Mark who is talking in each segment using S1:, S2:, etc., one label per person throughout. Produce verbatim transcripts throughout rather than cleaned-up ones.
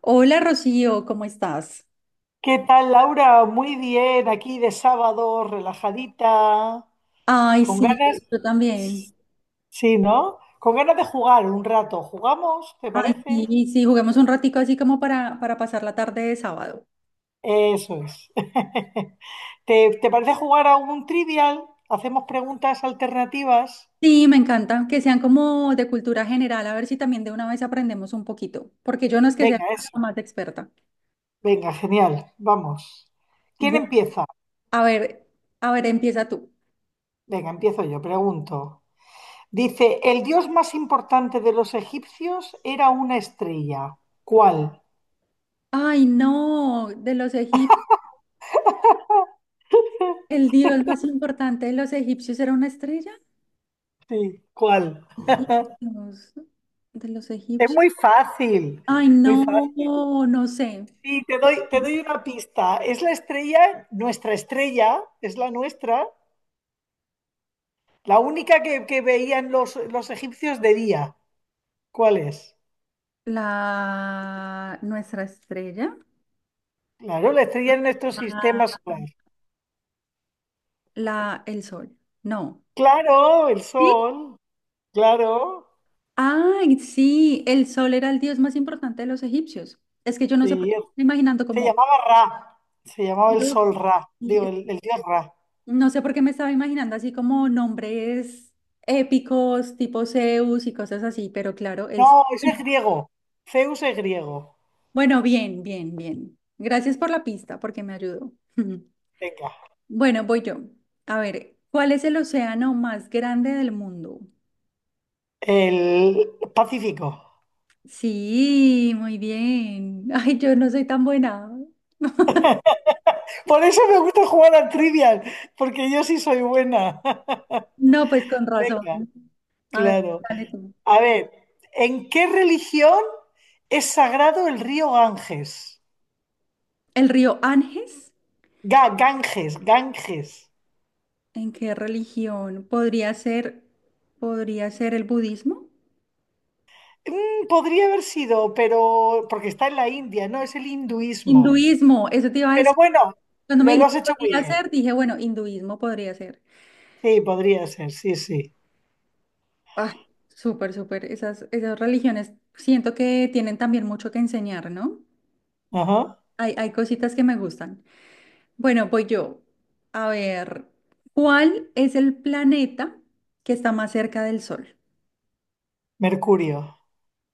S1: Hola Rocío, ¿cómo estás?
S2: ¿Qué tal, Laura? Muy bien, aquí de sábado, relajadita,
S1: Ay,
S2: con
S1: sí, yo,
S2: ganas,
S1: yo también.
S2: sí, ¿no? Con ganas de jugar un rato. ¿Jugamos? ¿Te
S1: Ay,
S2: parece?
S1: sí, sí, juguemos un ratico así como para, para pasar la tarde de sábado.
S2: Eso es. ¿Te, te parece jugar a un trivial? ¿Hacemos preguntas alternativas?
S1: Sí, me encanta, que sean como de cultura general, a ver si también de una vez aprendemos un poquito, porque yo no es que sea
S2: Venga,
S1: la
S2: eso.
S1: más experta.
S2: Venga, genial. Vamos. ¿Quién
S1: Bu-
S2: empieza?
S1: a ver, a ver, empieza tú.
S2: Venga, empiezo yo, pregunto. Dice, el dios más importante de los egipcios era una estrella. ¿Cuál?
S1: Ay, no, de los egipcios, el dios más importante de los egipcios era una estrella.
S2: Sí, ¿cuál?
S1: Egipcios, de los
S2: Es
S1: egipcios.
S2: muy fácil,
S1: Ay,
S2: muy
S1: no,
S2: fácil.
S1: no sé.
S2: Sí, te doy, te doy una pista. Es la estrella, nuestra estrella, es la nuestra, la única que, que veían los, los egipcios de día. ¿Cuál es?
S1: La nuestra estrella,
S2: Claro, la estrella en nuestro sistema
S1: ah,
S2: solar.
S1: la el sol. No.
S2: Claro, el
S1: ¿Sí?
S2: sol, claro.
S1: Ay, sí, el sol era el dios más importante de los egipcios. Es que yo no sé por
S2: Sí,
S1: qué me estaba imaginando
S2: se
S1: como
S2: llamaba Ra, se llamaba el
S1: lo-
S2: sol Ra,
S1: y-
S2: digo, el, el dios Ra.
S1: no sé por qué me estaba imaginando así como nombres épicos, tipo Zeus y cosas así, pero claro, el sol.
S2: No, ese es
S1: Bueno,
S2: griego, Zeus es griego.
S1: bueno, bien, bien, bien. Gracias por la pista porque me ayudó.
S2: Venga,
S1: Bueno, voy yo. A ver, ¿cuál es el océano más grande del mundo?
S2: el Pacífico.
S1: Sí, muy bien. Ay, yo no soy tan buena.
S2: Por eso me gusta jugar al trivial, porque yo sí soy buena.
S1: No, pues con razón.
S2: Venga,
S1: A ver,
S2: claro.
S1: dale tú.
S2: A ver, ¿en qué religión es sagrado el río Ganges?
S1: El río Ganges,
S2: Ga- Ganges, Ganges.
S1: ¿en qué religión? ¿Podría ser, ¿podría ser el budismo?
S2: Mm, podría haber sido, pero porque está en la India, ¿no? Es el hinduismo.
S1: Hinduismo, eso te iba a
S2: Pero
S1: decir.
S2: bueno,
S1: Cuando me
S2: lo, lo has
S1: dijiste
S2: hecho muy
S1: podría
S2: bien.
S1: ser, dije, bueno, hinduismo podría ser.
S2: Sí, podría ser, sí, sí.
S1: Ah, súper, súper. Esas, esas religiones siento que tienen también mucho que enseñar, ¿no?
S2: Ajá.
S1: Hay, hay cositas que me gustan. Bueno, voy yo. A ver, ¿cuál es el planeta que está más cerca del Sol?
S2: Mercurio.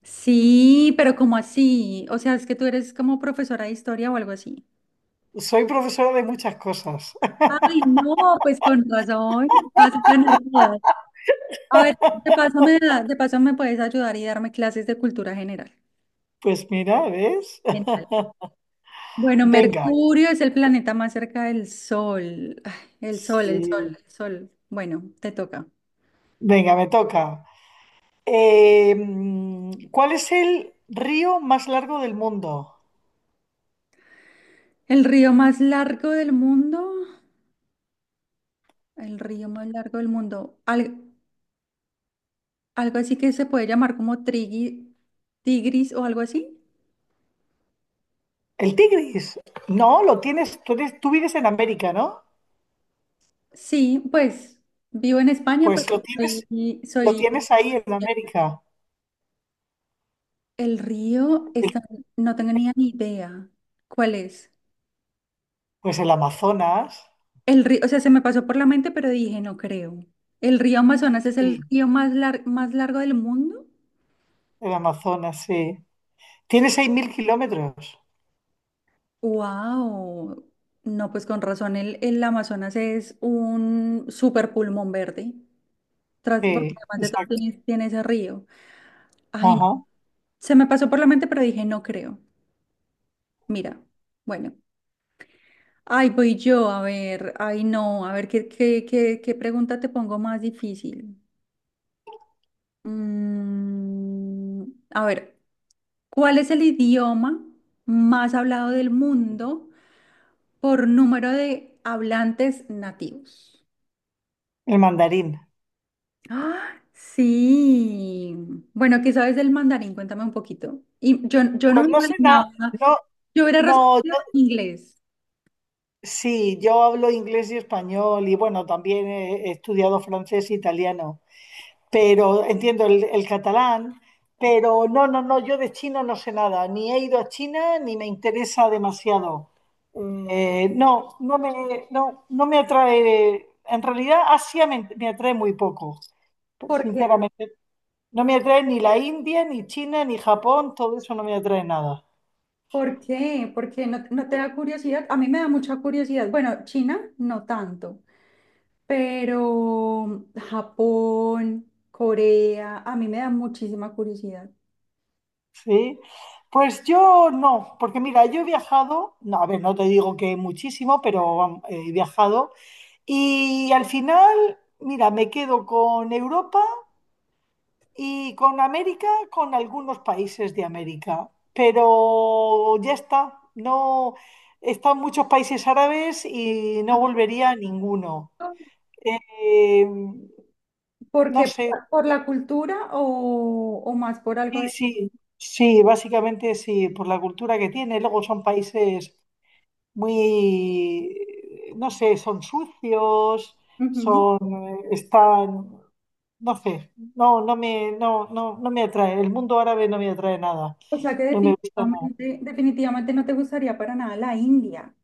S1: Sí, pero ¿cómo así? O sea, es que tú eres como profesora de historia o algo así.
S2: Soy profesora de muchas cosas.
S1: Ay, no, pues con razón, vas a ganar todas. A ver, de paso me da- de paso me puedes ayudar y darme clases de cultura general.
S2: Pues mira, ¿ves?
S1: Genial. Bueno,
S2: Venga.
S1: Mercurio es el planeta más cerca del Sol. Ay, el Sol, el Sol,
S2: Sí.
S1: el Sol. Bueno, te toca.
S2: Venga, me toca. Eh, mm, ¿cuál es el río más largo del mundo?
S1: ¿El río más largo del mundo? El río más largo del mundo. Al- algo así que se puede llamar como trigui- Tigris o algo así.
S2: ¿El Tigris? No, lo tienes, tú, eres- tú vives en América, ¿no?
S1: Sí, pues vivo en España, pero
S2: Pues lo tienes,
S1: soy,
S2: lo
S1: soy...
S2: tienes ahí en América.
S1: El río
S2: El-
S1: está... no tenía ni idea cuál es.
S2: pues el Amazonas,
S1: El río, o sea, se me pasó por la mente, pero dije, no creo. ¿El río Amazonas es el
S2: sí,
S1: río más, lar- ¿más largo del mundo?
S2: el Amazonas, sí. Tiene seis mil kilómetros.
S1: ¡Wow! No, pues con razón, el, el Amazonas es un super pulmón verde. Tras- porque
S2: Sí,
S1: además de todo
S2: exacto.
S1: tiene, tiene ese río. Ay, no.
S2: Ajá.
S1: Se me pasó por la mente, pero dije, no creo. Mira, bueno. Ay, voy yo, a ver, ay, no, a ver, ¿qué, qué, qué, qué pregunta te pongo más difícil? Mm, a ver, ¿cuál es el idioma más hablado del mundo por número de hablantes nativos?
S2: El mandarín.
S1: Ah, sí. Bueno, ¿qué sabes del mandarín? Cuéntame un poquito. Y yo, yo no
S2: Pues
S1: me
S2: no sé nada,
S1: imaginaba,
S2: no,
S1: yo hubiera
S2: no, yo-
S1: respondido inglés.
S2: sí, yo hablo inglés y español y bueno, también he he estudiado francés e italiano. Pero entiendo el, el catalán, pero no, no, no, yo de chino no sé nada, ni he ido a China ni me interesa demasiado. Eh, no, no me, no, no me atrae, en realidad Asia me, me atrae muy poco,
S1: ¿Por qué?
S2: sinceramente. No me atrae ni la India, ni China, ni Japón, todo eso no me atrae nada.
S1: ¿Por qué? ¿Por qué? ¿No, no te da curiosidad? A mí me da mucha curiosidad. Bueno, China no tanto, pero Japón, Corea, a mí me da muchísima curiosidad.
S2: ¿Sí? Pues yo no, porque mira, yo he viajado, no, a ver, no te digo que muchísimo, pero vamos, he viajado. Y al final, mira, me quedo con Europa y con América, con algunos países de América. Pero ya está, no he estado en muchos países árabes y no volvería a ninguno. Eh,
S1: ¿Por
S2: no
S1: qué?
S2: sé,
S1: ¿Por por la cultura o, o más por algo
S2: sí,
S1: de...
S2: sí, sí, básicamente sí, por la cultura que tiene. Luego son países muy, no sé, son sucios,
S1: Ujú.
S2: son, están. No sé, no, no me, no, no, no me atrae. El mundo árabe no me atrae nada.
S1: O sea que
S2: No me gusta nada.
S1: definitivamente, definitivamente no te gustaría para nada la India.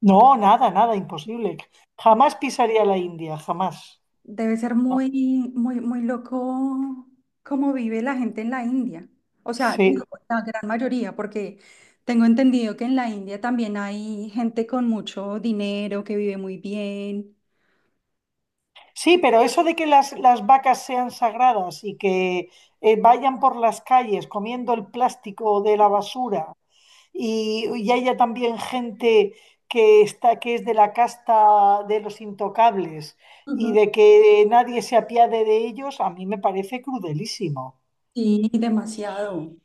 S2: No, nada, nada, imposible. Jamás pisaría la India, jamás.
S1: Debe ser
S2: ¿No?
S1: muy, muy, muy loco cómo vive la gente en la India. O sea, digo,
S2: Sí.
S1: la gran mayoría, porque tengo entendido que en la India también hay gente con mucho dinero que vive muy bien.
S2: Sí, pero eso de que las, las vacas sean sagradas y que eh, vayan por las calles comiendo el plástico de la basura y, y haya también gente que está, que es de la casta de los intocables y
S1: Ujú.
S2: de que nadie se apiade de ellos, a mí me parece crudelísimo.
S1: Sí, demasiado.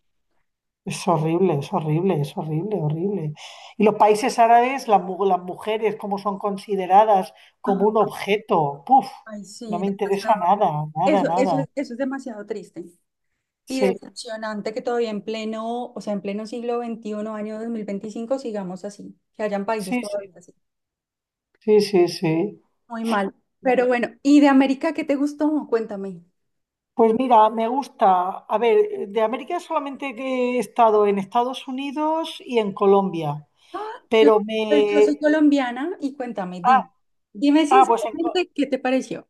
S2: Es horrible, es horrible, es horrible, horrible. Y los países árabes, las, mu- las mujeres, cómo son consideradas como un
S1: Ajá,
S2: objeto. Puf,
S1: ay,
S2: no
S1: sí,
S2: me interesa
S1: demasiado.
S2: nada, nada,
S1: Eso, eso,
S2: nada.
S1: es- eso es demasiado triste y
S2: Sí,
S1: decepcionante que todavía en pleno, o sea, en pleno siglo veintiuno, año dos mil veinticinco, sigamos así, que hayan países
S2: sí, sí,
S1: todavía así.
S2: sí, sí, sí.
S1: Muy mal. Pero bueno, ¿y de América qué te gustó? Cuéntame.
S2: Pues mira, me gusta. A ver, de América solamente que he estado en Estados Unidos y en Colombia,
S1: Ah, yo,
S2: pero
S1: pues, yo
S2: me...
S1: soy colombiana y cuéntame, dime.
S2: Ah,
S1: Dime
S2: ah, pues en, Co-
S1: sinceramente qué te pareció.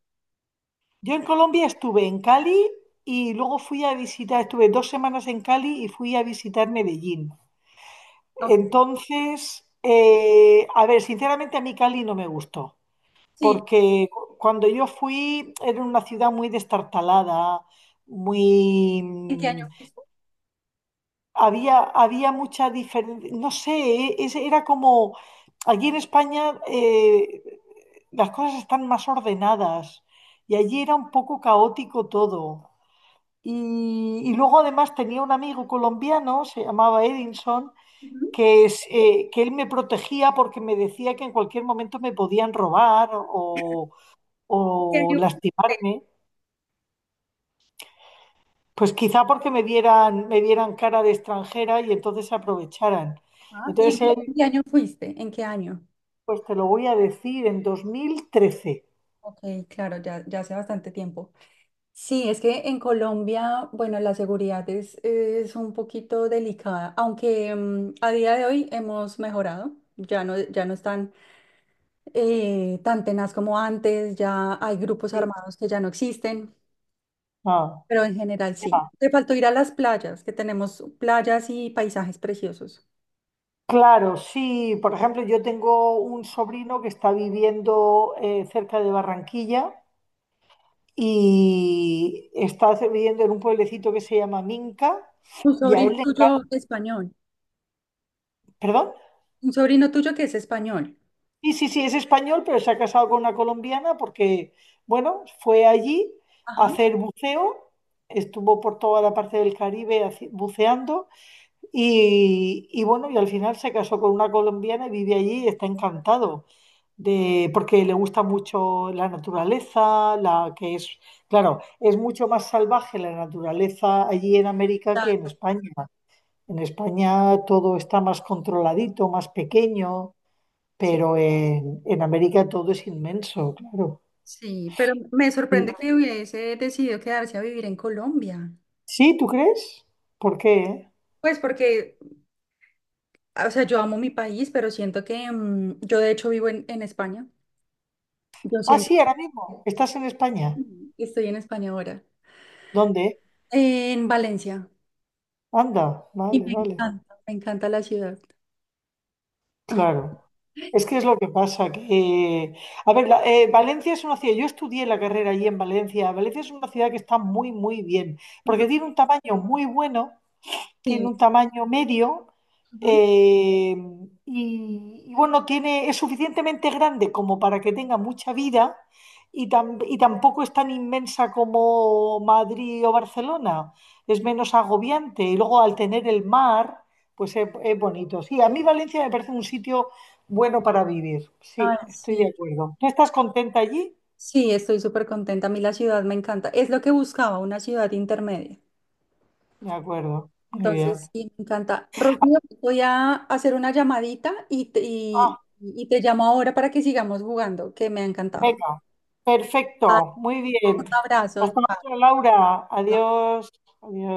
S2: Yo en Colombia estuve en Cali y luego fui a visitar, estuve dos semanas en Cali y fui a visitar Medellín.
S1: No,
S2: Entonces, eh, a ver, sinceramente a mí Cali no me gustó,
S1: sí,
S2: porque cu- cuando yo fui era una ciudad muy destartalada, muy...
S1: ¿en qué
S2: mm,
S1: año fuiste?
S2: Había, había mucha diferencia, no sé, eh, es- era como... Allí en España eh, las cosas están más ordenadas y allí era un poco caótico todo. Y, y luego además tenía un amigo colombiano, se llamaba Edinson,
S1: Ujú.
S2: que, es, eh, que él me protegía porque me decía que en cualquier momento me podían robar o,
S1: ¿Qué
S2: o
S1: año fuiste?
S2: lastimarme. Pues quizá porque me vieran, me vieran cara de extranjera y entonces se aprovecharan.
S1: Ah, ¿y en
S2: Entonces
S1: qué,
S2: él,
S1: ¿en qué año fuiste? ¿En qué año?
S2: pues te lo voy a decir, en dos mil trece.
S1: Ok, claro, ya, ya hace bastante tiempo. Sí, es que en Colombia, bueno, la seguridad es, es un poquito delicada, aunque mm, a día de hoy hemos mejorado, ya no, ya no están eh, tan tenaz como antes, ya hay grupos
S2: ¿Sí?
S1: armados que ya no existen,
S2: Ah,
S1: pero en general sí.
S2: ya.
S1: Te faltó ir a las playas, que tenemos playas y paisajes preciosos.
S2: Claro, sí. Por ejemplo, yo tengo un sobrino que está viviendo eh, cerca de Barranquilla y está viviendo en un pueblecito que se llama Minca
S1: Un
S2: y a
S1: sobrino
S2: él le
S1: tuyo
S2: encanta,
S1: español,
S2: perdón,
S1: un sobrino tuyo que es español.
S2: sí, sí, sí, es español, pero se ha casado con una colombiana porque, bueno, fue allí a
S1: Ajá.
S2: hacer buceo, estuvo por toda la parte del Caribe haci- buceando. Y, y bueno, y al final se casó con una colombiana y vive allí y está encantado de, porque le gusta mucho la naturaleza, la que es, claro, es mucho más salvaje la naturaleza allí en América
S1: Ya,
S2: que en España. En España todo está más controladito, más pequeño,
S1: sí,
S2: pero en, en América todo es inmenso, claro.
S1: sí, pero me
S2: Sí,
S1: sorprende que hubiese decidido quedarse a vivir en Colombia.
S2: sí, ¿tú crees? ¿Por qué?
S1: Pues porque, o sea, yo amo mi país, pero siento que mm, yo de hecho vivo en, en España. Yo
S2: Ah,
S1: siento
S2: sí, ahora mismo. ¿Estás en España?
S1: que estoy en España ahora,
S2: ¿Dónde?
S1: en Valencia.
S2: Anda,
S1: Y
S2: vale,
S1: me
S2: vale.
S1: encanta, me encanta la ciudad.
S2: Claro. Es que es lo que pasa, que... A ver, la- eh, Valencia es una ciudad, yo estudié la carrera allí en Valencia, Valencia es una ciudad que está muy, muy bien, porque tiene un tamaño muy bueno, tiene
S1: Sí,
S2: un tamaño medio, eh, y, y, bueno, tiene, es suficientemente grande como para que tenga mucha vida y, tam- y tampoco es tan inmensa como Madrid o Barcelona, es menos agobiante y luego al tener el mar, pues es, es bonito. Sí, a mí Valencia me parece un sitio bueno para vivir,
S1: ay,
S2: sí, estoy
S1: sí,
S2: de acuerdo. ¿Tú estás contenta allí?
S1: sí, estoy súper contenta. A mí la ciudad me encanta. Es lo que buscaba, una ciudad intermedia.
S2: De acuerdo, muy
S1: Entonces,
S2: bien.
S1: sí, me encanta. Rocío, voy a hacer una llamadita y te, y, y te llamo ahora para que sigamos jugando, que me ha encantado.
S2: Venga,
S1: Vale,
S2: perfecto, muy
S1: un
S2: bien.
S1: abrazo.
S2: Hasta
S1: Chao.
S2: luego, Laura. Adiós. Adiós.